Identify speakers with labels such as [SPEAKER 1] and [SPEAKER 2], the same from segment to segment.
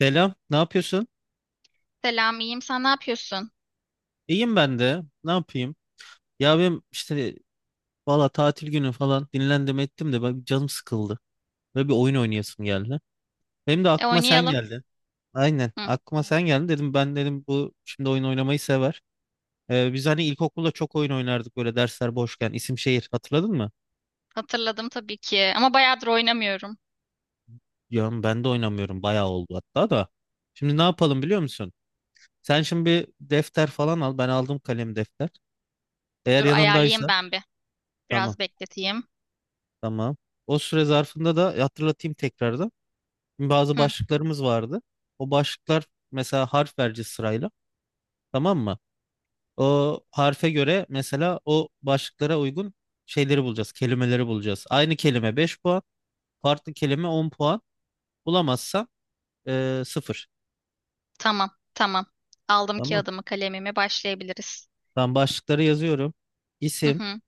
[SPEAKER 1] Selam, ne yapıyorsun?
[SPEAKER 2] Selam, iyiyim. Sen ne yapıyorsun?
[SPEAKER 1] İyiyim ben de. Ne yapayım? Ya benim işte valla tatil günü falan dinlendim ettim de ben canım sıkıldı. Böyle bir oyun oynayasım geldi. Benim de
[SPEAKER 2] E
[SPEAKER 1] aklıma sen
[SPEAKER 2] oynayalım.
[SPEAKER 1] geldi. Aynen
[SPEAKER 2] Hı,
[SPEAKER 1] aklıma sen geldi dedim, ben dedim bu şimdi oyun oynamayı sever. Biz hani ilkokulda çok oyun oynardık böyle dersler boşken, isim şehir hatırladın mı?
[SPEAKER 2] hatırladım tabii ki. Ama bayağıdır oynamıyorum.
[SPEAKER 1] Ya ben de oynamıyorum, bayağı oldu hatta da. Şimdi ne yapalım biliyor musun? Sen şimdi bir defter falan al, ben aldım kalem defter. Eğer
[SPEAKER 2] Dur ayarlayayım
[SPEAKER 1] yanındaysa
[SPEAKER 2] ben bir.
[SPEAKER 1] tamam.
[SPEAKER 2] Biraz bekleteyim.
[SPEAKER 1] Tamam. O süre zarfında da hatırlatayım tekrardan. Bazı
[SPEAKER 2] Hı,
[SPEAKER 1] başlıklarımız vardı. O başlıklar, mesela harf vereceğiz sırayla. Tamam mı? O harfe göre mesela o başlıklara uygun şeyleri bulacağız. Kelimeleri bulacağız. Aynı kelime 5 puan. Farklı kelime 10 puan. Bulamazsan 0.
[SPEAKER 2] tamam, tamam. Aldım
[SPEAKER 1] Tamam.
[SPEAKER 2] kağıdımı, kalemimi. Başlayabiliriz.
[SPEAKER 1] Ben başlıkları yazıyorum.
[SPEAKER 2] Hı
[SPEAKER 1] İsim,
[SPEAKER 2] hı,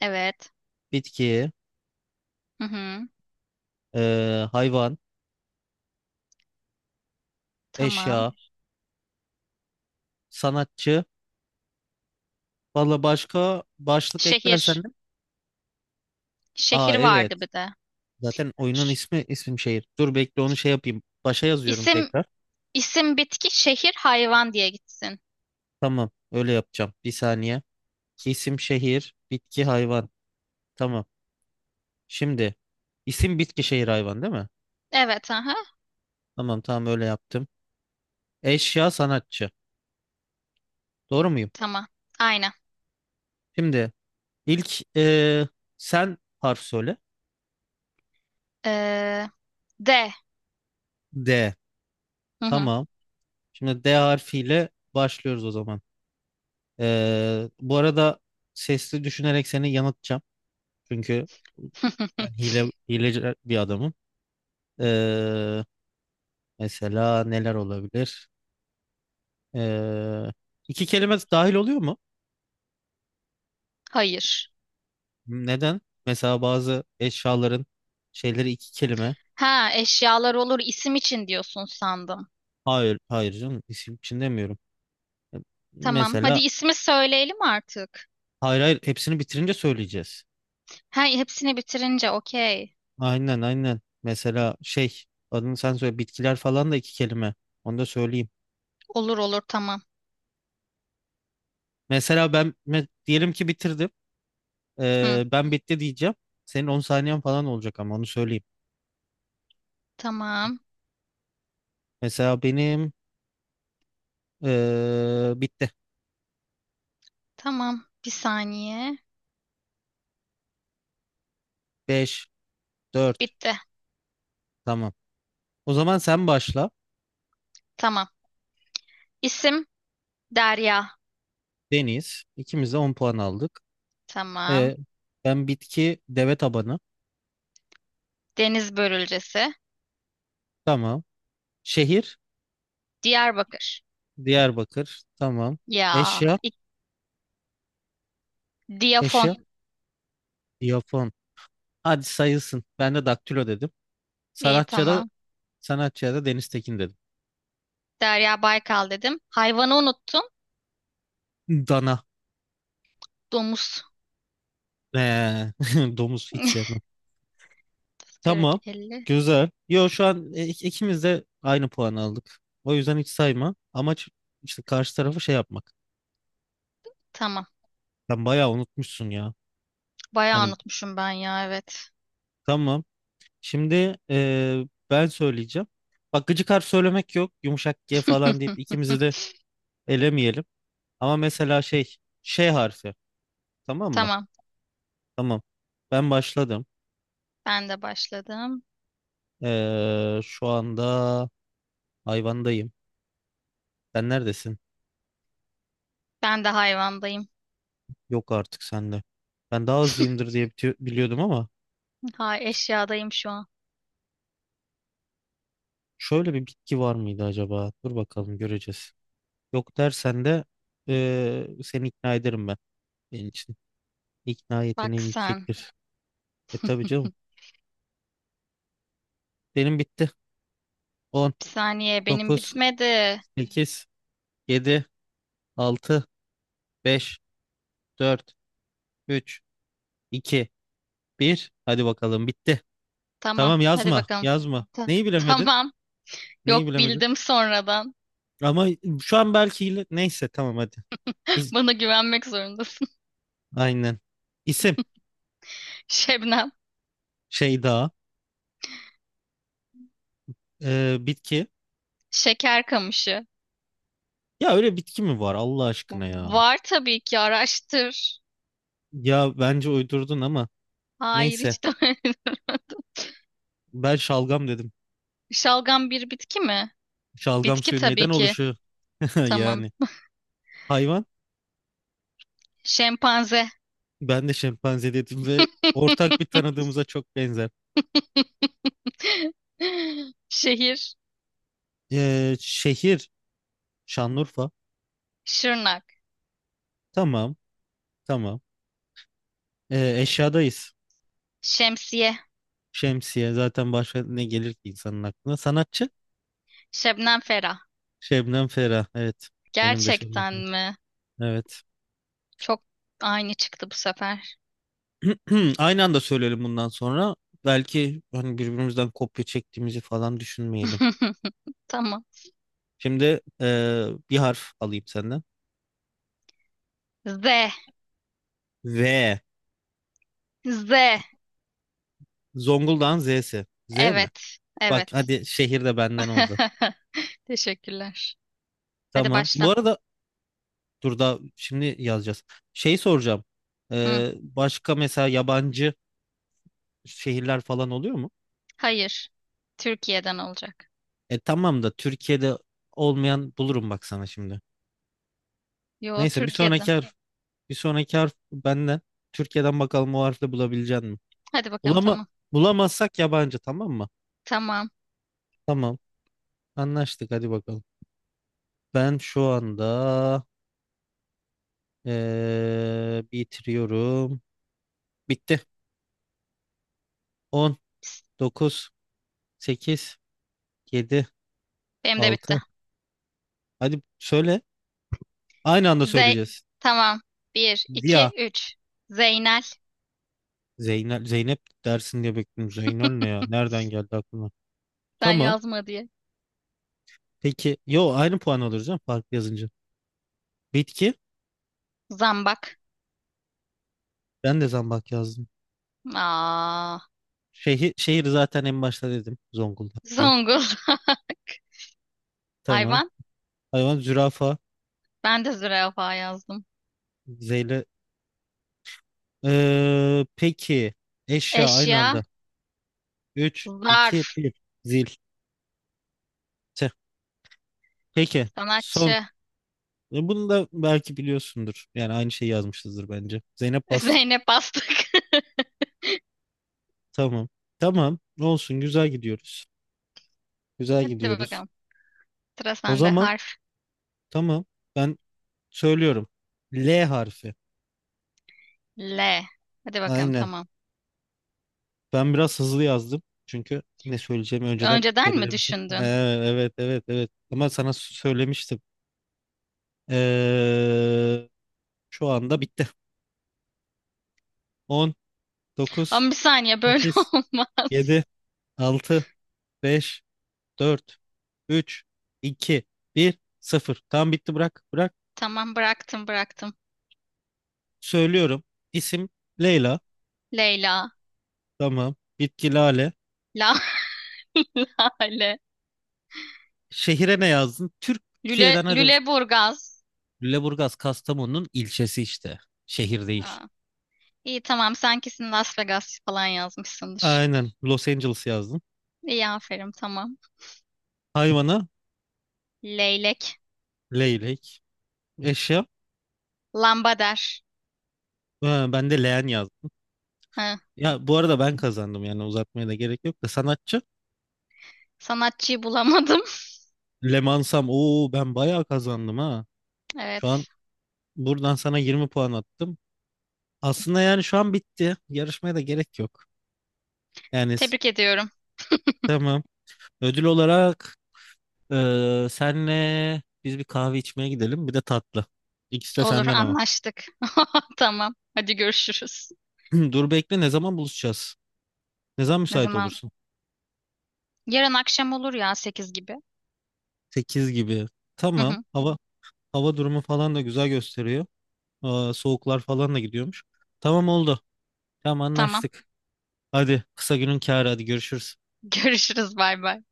[SPEAKER 2] evet.
[SPEAKER 1] bitki,
[SPEAKER 2] Hı hı,
[SPEAKER 1] hayvan,
[SPEAKER 2] tamam.
[SPEAKER 1] eşya, sanatçı. Valla başka başlık eklersen
[SPEAKER 2] Şehir.
[SPEAKER 1] de.
[SPEAKER 2] Şehir
[SPEAKER 1] Aa evet.
[SPEAKER 2] vardı bir de.
[SPEAKER 1] Zaten oyunun
[SPEAKER 2] Ş-
[SPEAKER 1] ismi isim şehir. Dur bekle onu şey yapayım. Başa yazıyorum
[SPEAKER 2] İsim,
[SPEAKER 1] tekrar.
[SPEAKER 2] isim bitki, şehir hayvan diye gitsin.
[SPEAKER 1] Tamam öyle yapacağım. Bir saniye. İsim şehir, bitki hayvan. Tamam. Şimdi isim bitki şehir hayvan değil mi?
[SPEAKER 2] Evet, aha.
[SPEAKER 1] Tamam tamam öyle yaptım. Eşya sanatçı. Doğru muyum?
[SPEAKER 2] Tamam. Aynen.
[SPEAKER 1] Şimdi ilk sen harf söyle.
[SPEAKER 2] Ee, D.
[SPEAKER 1] D.
[SPEAKER 2] Hı hı.
[SPEAKER 1] Tamam. Şimdi D harfiyle başlıyoruz o zaman. Bu arada sesli düşünerek seni yanıltacağım. Çünkü ben hileci bir adamım. Eee Mesela neler olabilir? Ee, iki kelime dahil oluyor mu?
[SPEAKER 2] Hayır.
[SPEAKER 1] Neden? Mesela bazı eşyaların şeyleri iki kelime.
[SPEAKER 2] Ha, eşyalar olur isim için diyorsun sandım.
[SPEAKER 1] Hayır, hayır canım. İsim için demiyorum.
[SPEAKER 2] Tamam. Hadi
[SPEAKER 1] Mesela
[SPEAKER 2] ismi söyleyelim artık.
[SPEAKER 1] hayır hayır, hepsini bitirince söyleyeceğiz.
[SPEAKER 2] Ha, hepsini bitirince okey.
[SPEAKER 1] Aynen aynen. Mesela şey, adını sen söyle, bitkiler falan da iki kelime. Onu da söyleyeyim.
[SPEAKER 2] Olur olur tamam.
[SPEAKER 1] Mesela ben diyelim ki bitirdim.
[SPEAKER 2] Hı,
[SPEAKER 1] Ben bitti diyeceğim. Senin 10 saniyen falan olacak ama onu söyleyeyim.
[SPEAKER 2] tamam.
[SPEAKER 1] Mesela benim bitti.
[SPEAKER 2] Tamam. Bir saniye.
[SPEAKER 1] 5. Dört.
[SPEAKER 2] Bitti.
[SPEAKER 1] Tamam. O zaman sen başla.
[SPEAKER 2] Tamam. İsim Derya.
[SPEAKER 1] Deniz. İkimiz de 10 puan aldık.
[SPEAKER 2] Tamam.
[SPEAKER 1] Ee, Ben bitki deve tabanı.
[SPEAKER 2] Deniz börülcesi.
[SPEAKER 1] Tamam. Şehir
[SPEAKER 2] Diyarbakır.
[SPEAKER 1] Diyarbakır. Tamam.
[SPEAKER 2] Ya.
[SPEAKER 1] Eşya
[SPEAKER 2] ik- Diyafon.
[SPEAKER 1] eşya Japon. Hadi sayılsın. Ben de daktilo dedim.
[SPEAKER 2] İyi
[SPEAKER 1] Sanatçıya da
[SPEAKER 2] tamam.
[SPEAKER 1] sanatçıya da Deniz Tekin dedim.
[SPEAKER 2] Derya Baykal dedim. Hayvanı unuttum.
[SPEAKER 1] Dana.
[SPEAKER 2] Domuz.
[SPEAKER 1] Ee, Domuz hiç sevmem. Tamam.
[SPEAKER 2] 40, 50.
[SPEAKER 1] Güzel. Yo şu an ikimiz de aynı puan aldık. O yüzden hiç sayma. Amaç işte karşı tarafı şey yapmak.
[SPEAKER 2] Tamam.
[SPEAKER 1] Sen bayağı unutmuşsun ya.
[SPEAKER 2] Bayağı
[SPEAKER 1] Hani
[SPEAKER 2] unutmuşum ben ya evet.
[SPEAKER 1] tamam. Şimdi ben söyleyeceğim. Bak gıcık harf söylemek yok. Yumuşak G falan deyip ikimizi de elemeyelim. Ama mesela şey, şey harfi. Tamam mı?
[SPEAKER 2] Tamam.
[SPEAKER 1] Tamam. Ben başladım.
[SPEAKER 2] Ben de başladım.
[SPEAKER 1] Şu anda hayvandayım. Sen neredesin?
[SPEAKER 2] Ben de hayvandayım.
[SPEAKER 1] Yok artık sende. Ben daha hızlıyımdır diye biliyordum ama
[SPEAKER 2] Ha, eşyadayım şu an.
[SPEAKER 1] şöyle bir bitki var mıydı acaba? Dur bakalım göreceğiz. Yok dersen de seni ikna ederim ben. Benim için ikna
[SPEAKER 2] Bak
[SPEAKER 1] yeteneğim
[SPEAKER 2] sen.
[SPEAKER 1] yüksektir. E tabii canım. Benim bitti. On,
[SPEAKER 2] Bir saniye benim
[SPEAKER 1] dokuz,
[SPEAKER 2] bitmedi.
[SPEAKER 1] sekiz, yedi, altı, beş, dört, üç, iki, bir. Hadi bakalım bitti.
[SPEAKER 2] Tamam.
[SPEAKER 1] Tamam
[SPEAKER 2] Hadi
[SPEAKER 1] yazma,
[SPEAKER 2] bakalım.
[SPEAKER 1] yazma.
[SPEAKER 2] Ta-
[SPEAKER 1] Neyi bilemedin?
[SPEAKER 2] tamam.
[SPEAKER 1] Neyi
[SPEAKER 2] Yok
[SPEAKER 1] bilemedin?
[SPEAKER 2] bildim sonradan.
[SPEAKER 1] Ama şu an belki neyse tamam hadi. İz...
[SPEAKER 2] Bana güvenmek zorundasın.
[SPEAKER 1] Aynen. İsim
[SPEAKER 2] Şebnem.
[SPEAKER 1] şey daha. Bitki.
[SPEAKER 2] Şeker kamışı.
[SPEAKER 1] Ya öyle bitki mi var Allah aşkına ya?
[SPEAKER 2] Var tabii ki araştır.
[SPEAKER 1] Ya bence uydurdun ama
[SPEAKER 2] Hayır
[SPEAKER 1] neyse.
[SPEAKER 2] hiç de.
[SPEAKER 1] Ben şalgam dedim.
[SPEAKER 2] Şalgam bir bitki mi?
[SPEAKER 1] Şalgam
[SPEAKER 2] Bitki
[SPEAKER 1] suyu
[SPEAKER 2] tabii
[SPEAKER 1] neyden
[SPEAKER 2] ki.
[SPEAKER 1] oluşuyor?
[SPEAKER 2] Tamam.
[SPEAKER 1] Yani. Hayvan.
[SPEAKER 2] Şempanze.
[SPEAKER 1] Ben de şempanze dedim ve ortak bir tanıdığımıza çok benzer.
[SPEAKER 2] Şehir.
[SPEAKER 1] Şehir Şanlıurfa.
[SPEAKER 2] Şırnak.
[SPEAKER 1] Tamam, tamam. Eşyadayız.
[SPEAKER 2] Şemsiye.
[SPEAKER 1] Şemsiye zaten başka ne gelir ki insanın aklına? Sanatçı
[SPEAKER 2] Şebnem Ferah.
[SPEAKER 1] Şebnem Ferah. Evet. Benim de Şebnem
[SPEAKER 2] Gerçekten
[SPEAKER 1] Ferah.
[SPEAKER 2] mi?
[SPEAKER 1] Evet.
[SPEAKER 2] Çok aynı çıktı bu sefer.
[SPEAKER 1] Aynı anda söyleyelim bundan sonra. Belki hani birbirimizden kopya çektiğimizi falan düşünmeyelim.
[SPEAKER 2] Tamam.
[SPEAKER 1] Şimdi bir harf alayım senden.
[SPEAKER 2] Z.
[SPEAKER 1] V.
[SPEAKER 2] Z.
[SPEAKER 1] Zonguldak'ın Z'si. Z mi?
[SPEAKER 2] Evet,
[SPEAKER 1] Bak
[SPEAKER 2] evet.
[SPEAKER 1] hadi şehir de benden oldu.
[SPEAKER 2] Teşekkürler. Hadi
[SPEAKER 1] Tamam. Bu
[SPEAKER 2] başla.
[SPEAKER 1] arada dur da şimdi yazacağız. Şey soracağım.
[SPEAKER 2] Hı,
[SPEAKER 1] Başka mesela yabancı şehirler falan oluyor mu?
[SPEAKER 2] hayır. Türkiye'den olacak.
[SPEAKER 1] E tamam da Türkiye'de olmayan bulurum bak sana şimdi.
[SPEAKER 2] Yo,
[SPEAKER 1] Neyse bir
[SPEAKER 2] Türkiye'den.
[SPEAKER 1] sonraki harf, bir sonraki harf benden. Türkiye'den bakalım o harfle bulabilecek mi?
[SPEAKER 2] Hadi bakalım
[SPEAKER 1] Bulama,
[SPEAKER 2] tamam.
[SPEAKER 1] bulamazsak yabancı tamam mı?
[SPEAKER 2] Tamam.
[SPEAKER 1] Tamam anlaştık hadi bakalım. Ben şu anda bitiriyorum. Bitti. On, dokuz, sekiz, yedi,
[SPEAKER 2] Benim de bitti.
[SPEAKER 1] altı. Hadi söyle. Aynı anda
[SPEAKER 2] Z,
[SPEAKER 1] söyleyeceğiz.
[SPEAKER 2] tamam. Bir,
[SPEAKER 1] Ziya.
[SPEAKER 2] iki, üç. Zeynel.
[SPEAKER 1] Zeynep, Zeynep dersin diye bekliyorum. Zeynel ne ya? Nereden geldi aklıma?
[SPEAKER 2] Sen
[SPEAKER 1] Tamam.
[SPEAKER 2] yazma diye.
[SPEAKER 1] Peki. Yo aynı puan alırız canım. Fark yazınca. Bitki.
[SPEAKER 2] Zambak.
[SPEAKER 1] Ben de zambak yazdım.
[SPEAKER 2] Aa,
[SPEAKER 1] Şehir, şehir zaten en başta dedim. Zonguldak diye.
[SPEAKER 2] Zonguldak.
[SPEAKER 1] Tamam.
[SPEAKER 2] Hayvan.
[SPEAKER 1] Hayvan zürafa.
[SPEAKER 2] Ben de zürafa yazdım.
[SPEAKER 1] Zeyle. Peki. Eşya aynı
[SPEAKER 2] Eşya.
[SPEAKER 1] anda. 3, 2,
[SPEAKER 2] Zarf.
[SPEAKER 1] 1. Zil. Tüh. Peki. Son.
[SPEAKER 2] Sanatçı.
[SPEAKER 1] E, bunu da belki biliyorsundur. Yani aynı şeyi yazmışızdır bence. Zeynep bastı.
[SPEAKER 2] Zeynep Bastık.
[SPEAKER 1] Tamam. Tamam. Olsun. Güzel gidiyoruz. Güzel
[SPEAKER 2] Hadi
[SPEAKER 1] gidiyoruz.
[SPEAKER 2] bakalım. Sıra
[SPEAKER 1] O
[SPEAKER 2] sende.
[SPEAKER 1] zaman
[SPEAKER 2] Harf.
[SPEAKER 1] tamam. Ben söylüyorum. L harfi.
[SPEAKER 2] L. Hadi bakalım
[SPEAKER 1] Aynen.
[SPEAKER 2] tamam.
[SPEAKER 1] Ben biraz hızlı yazdım. Çünkü ne söyleyeceğimi önceden
[SPEAKER 2] Önceden mi
[SPEAKER 1] belirlemiştim.
[SPEAKER 2] düşündün?
[SPEAKER 1] Evet evet evet. Ama sana söylemiştim. Ee, Şu anda bitti. On, dokuz,
[SPEAKER 2] Ama bir saniye böyle
[SPEAKER 1] sekiz, yedi,
[SPEAKER 2] olmaz.
[SPEAKER 1] altı, beş, dört, üç, iki, bir, sıfır. Tam bitti bırak. Bırak.
[SPEAKER 2] Tamam, bıraktım, bıraktım.
[SPEAKER 1] Söylüyorum. İsim Leyla.
[SPEAKER 2] Leyla.
[SPEAKER 1] Tamam. Bitki Lale.
[SPEAKER 2] La. Lale.
[SPEAKER 1] Şehire ne yazdın?
[SPEAKER 2] Lüle,
[SPEAKER 1] Türkiye'den hadi.
[SPEAKER 2] Lüleburgaz.
[SPEAKER 1] Lüleburgaz Kastamonu'nun ilçesi işte. Şehir değil.
[SPEAKER 2] Aa, iyi tamam, sen kesin Las Vegas falan yazmışsındır.
[SPEAKER 1] Aynen. Los Angeles yazdım.
[SPEAKER 2] İyi aferin tamam.
[SPEAKER 1] Hayvana
[SPEAKER 2] Leylek.
[SPEAKER 1] leylek. Eşya.
[SPEAKER 2] Lambader.
[SPEAKER 1] Ha, ben de leğen yazdım.
[SPEAKER 2] Ha.
[SPEAKER 1] Ya bu arada ben kazandım yani uzatmaya da gerek yok da sanatçı.
[SPEAKER 2] Sanatçıyı bulamadım.
[SPEAKER 1] Lemansam. Oo ben bayağı kazandım ha. Şu an
[SPEAKER 2] Evet.
[SPEAKER 1] buradan sana 20 puan attım. Aslında yani şu an bitti. Yarışmaya da gerek yok. Yani
[SPEAKER 2] Tebrik ediyorum.
[SPEAKER 1] tamam. Ödül olarak senle biz bir kahve içmeye gidelim. Bir de tatlı. İkisi de
[SPEAKER 2] Olur,
[SPEAKER 1] senden ama.
[SPEAKER 2] anlaştık. Tamam. Hadi görüşürüz.
[SPEAKER 1] Dur bekle ne zaman buluşacağız? Ne zaman
[SPEAKER 2] Ne
[SPEAKER 1] müsait
[SPEAKER 2] zaman?
[SPEAKER 1] olursun?
[SPEAKER 2] Yarın akşam olur ya 8 gibi.
[SPEAKER 1] 8 gibi.
[SPEAKER 2] Hı
[SPEAKER 1] Tamam.
[SPEAKER 2] hı.
[SPEAKER 1] Hava hava durumu falan da güzel gösteriyor. Aa, soğuklar falan da gidiyormuş. Tamam oldu. Tamam
[SPEAKER 2] Tamam.
[SPEAKER 1] anlaştık. Hadi kısa günün kârı hadi görüşürüz.
[SPEAKER 2] Görüşürüz. Bay bay.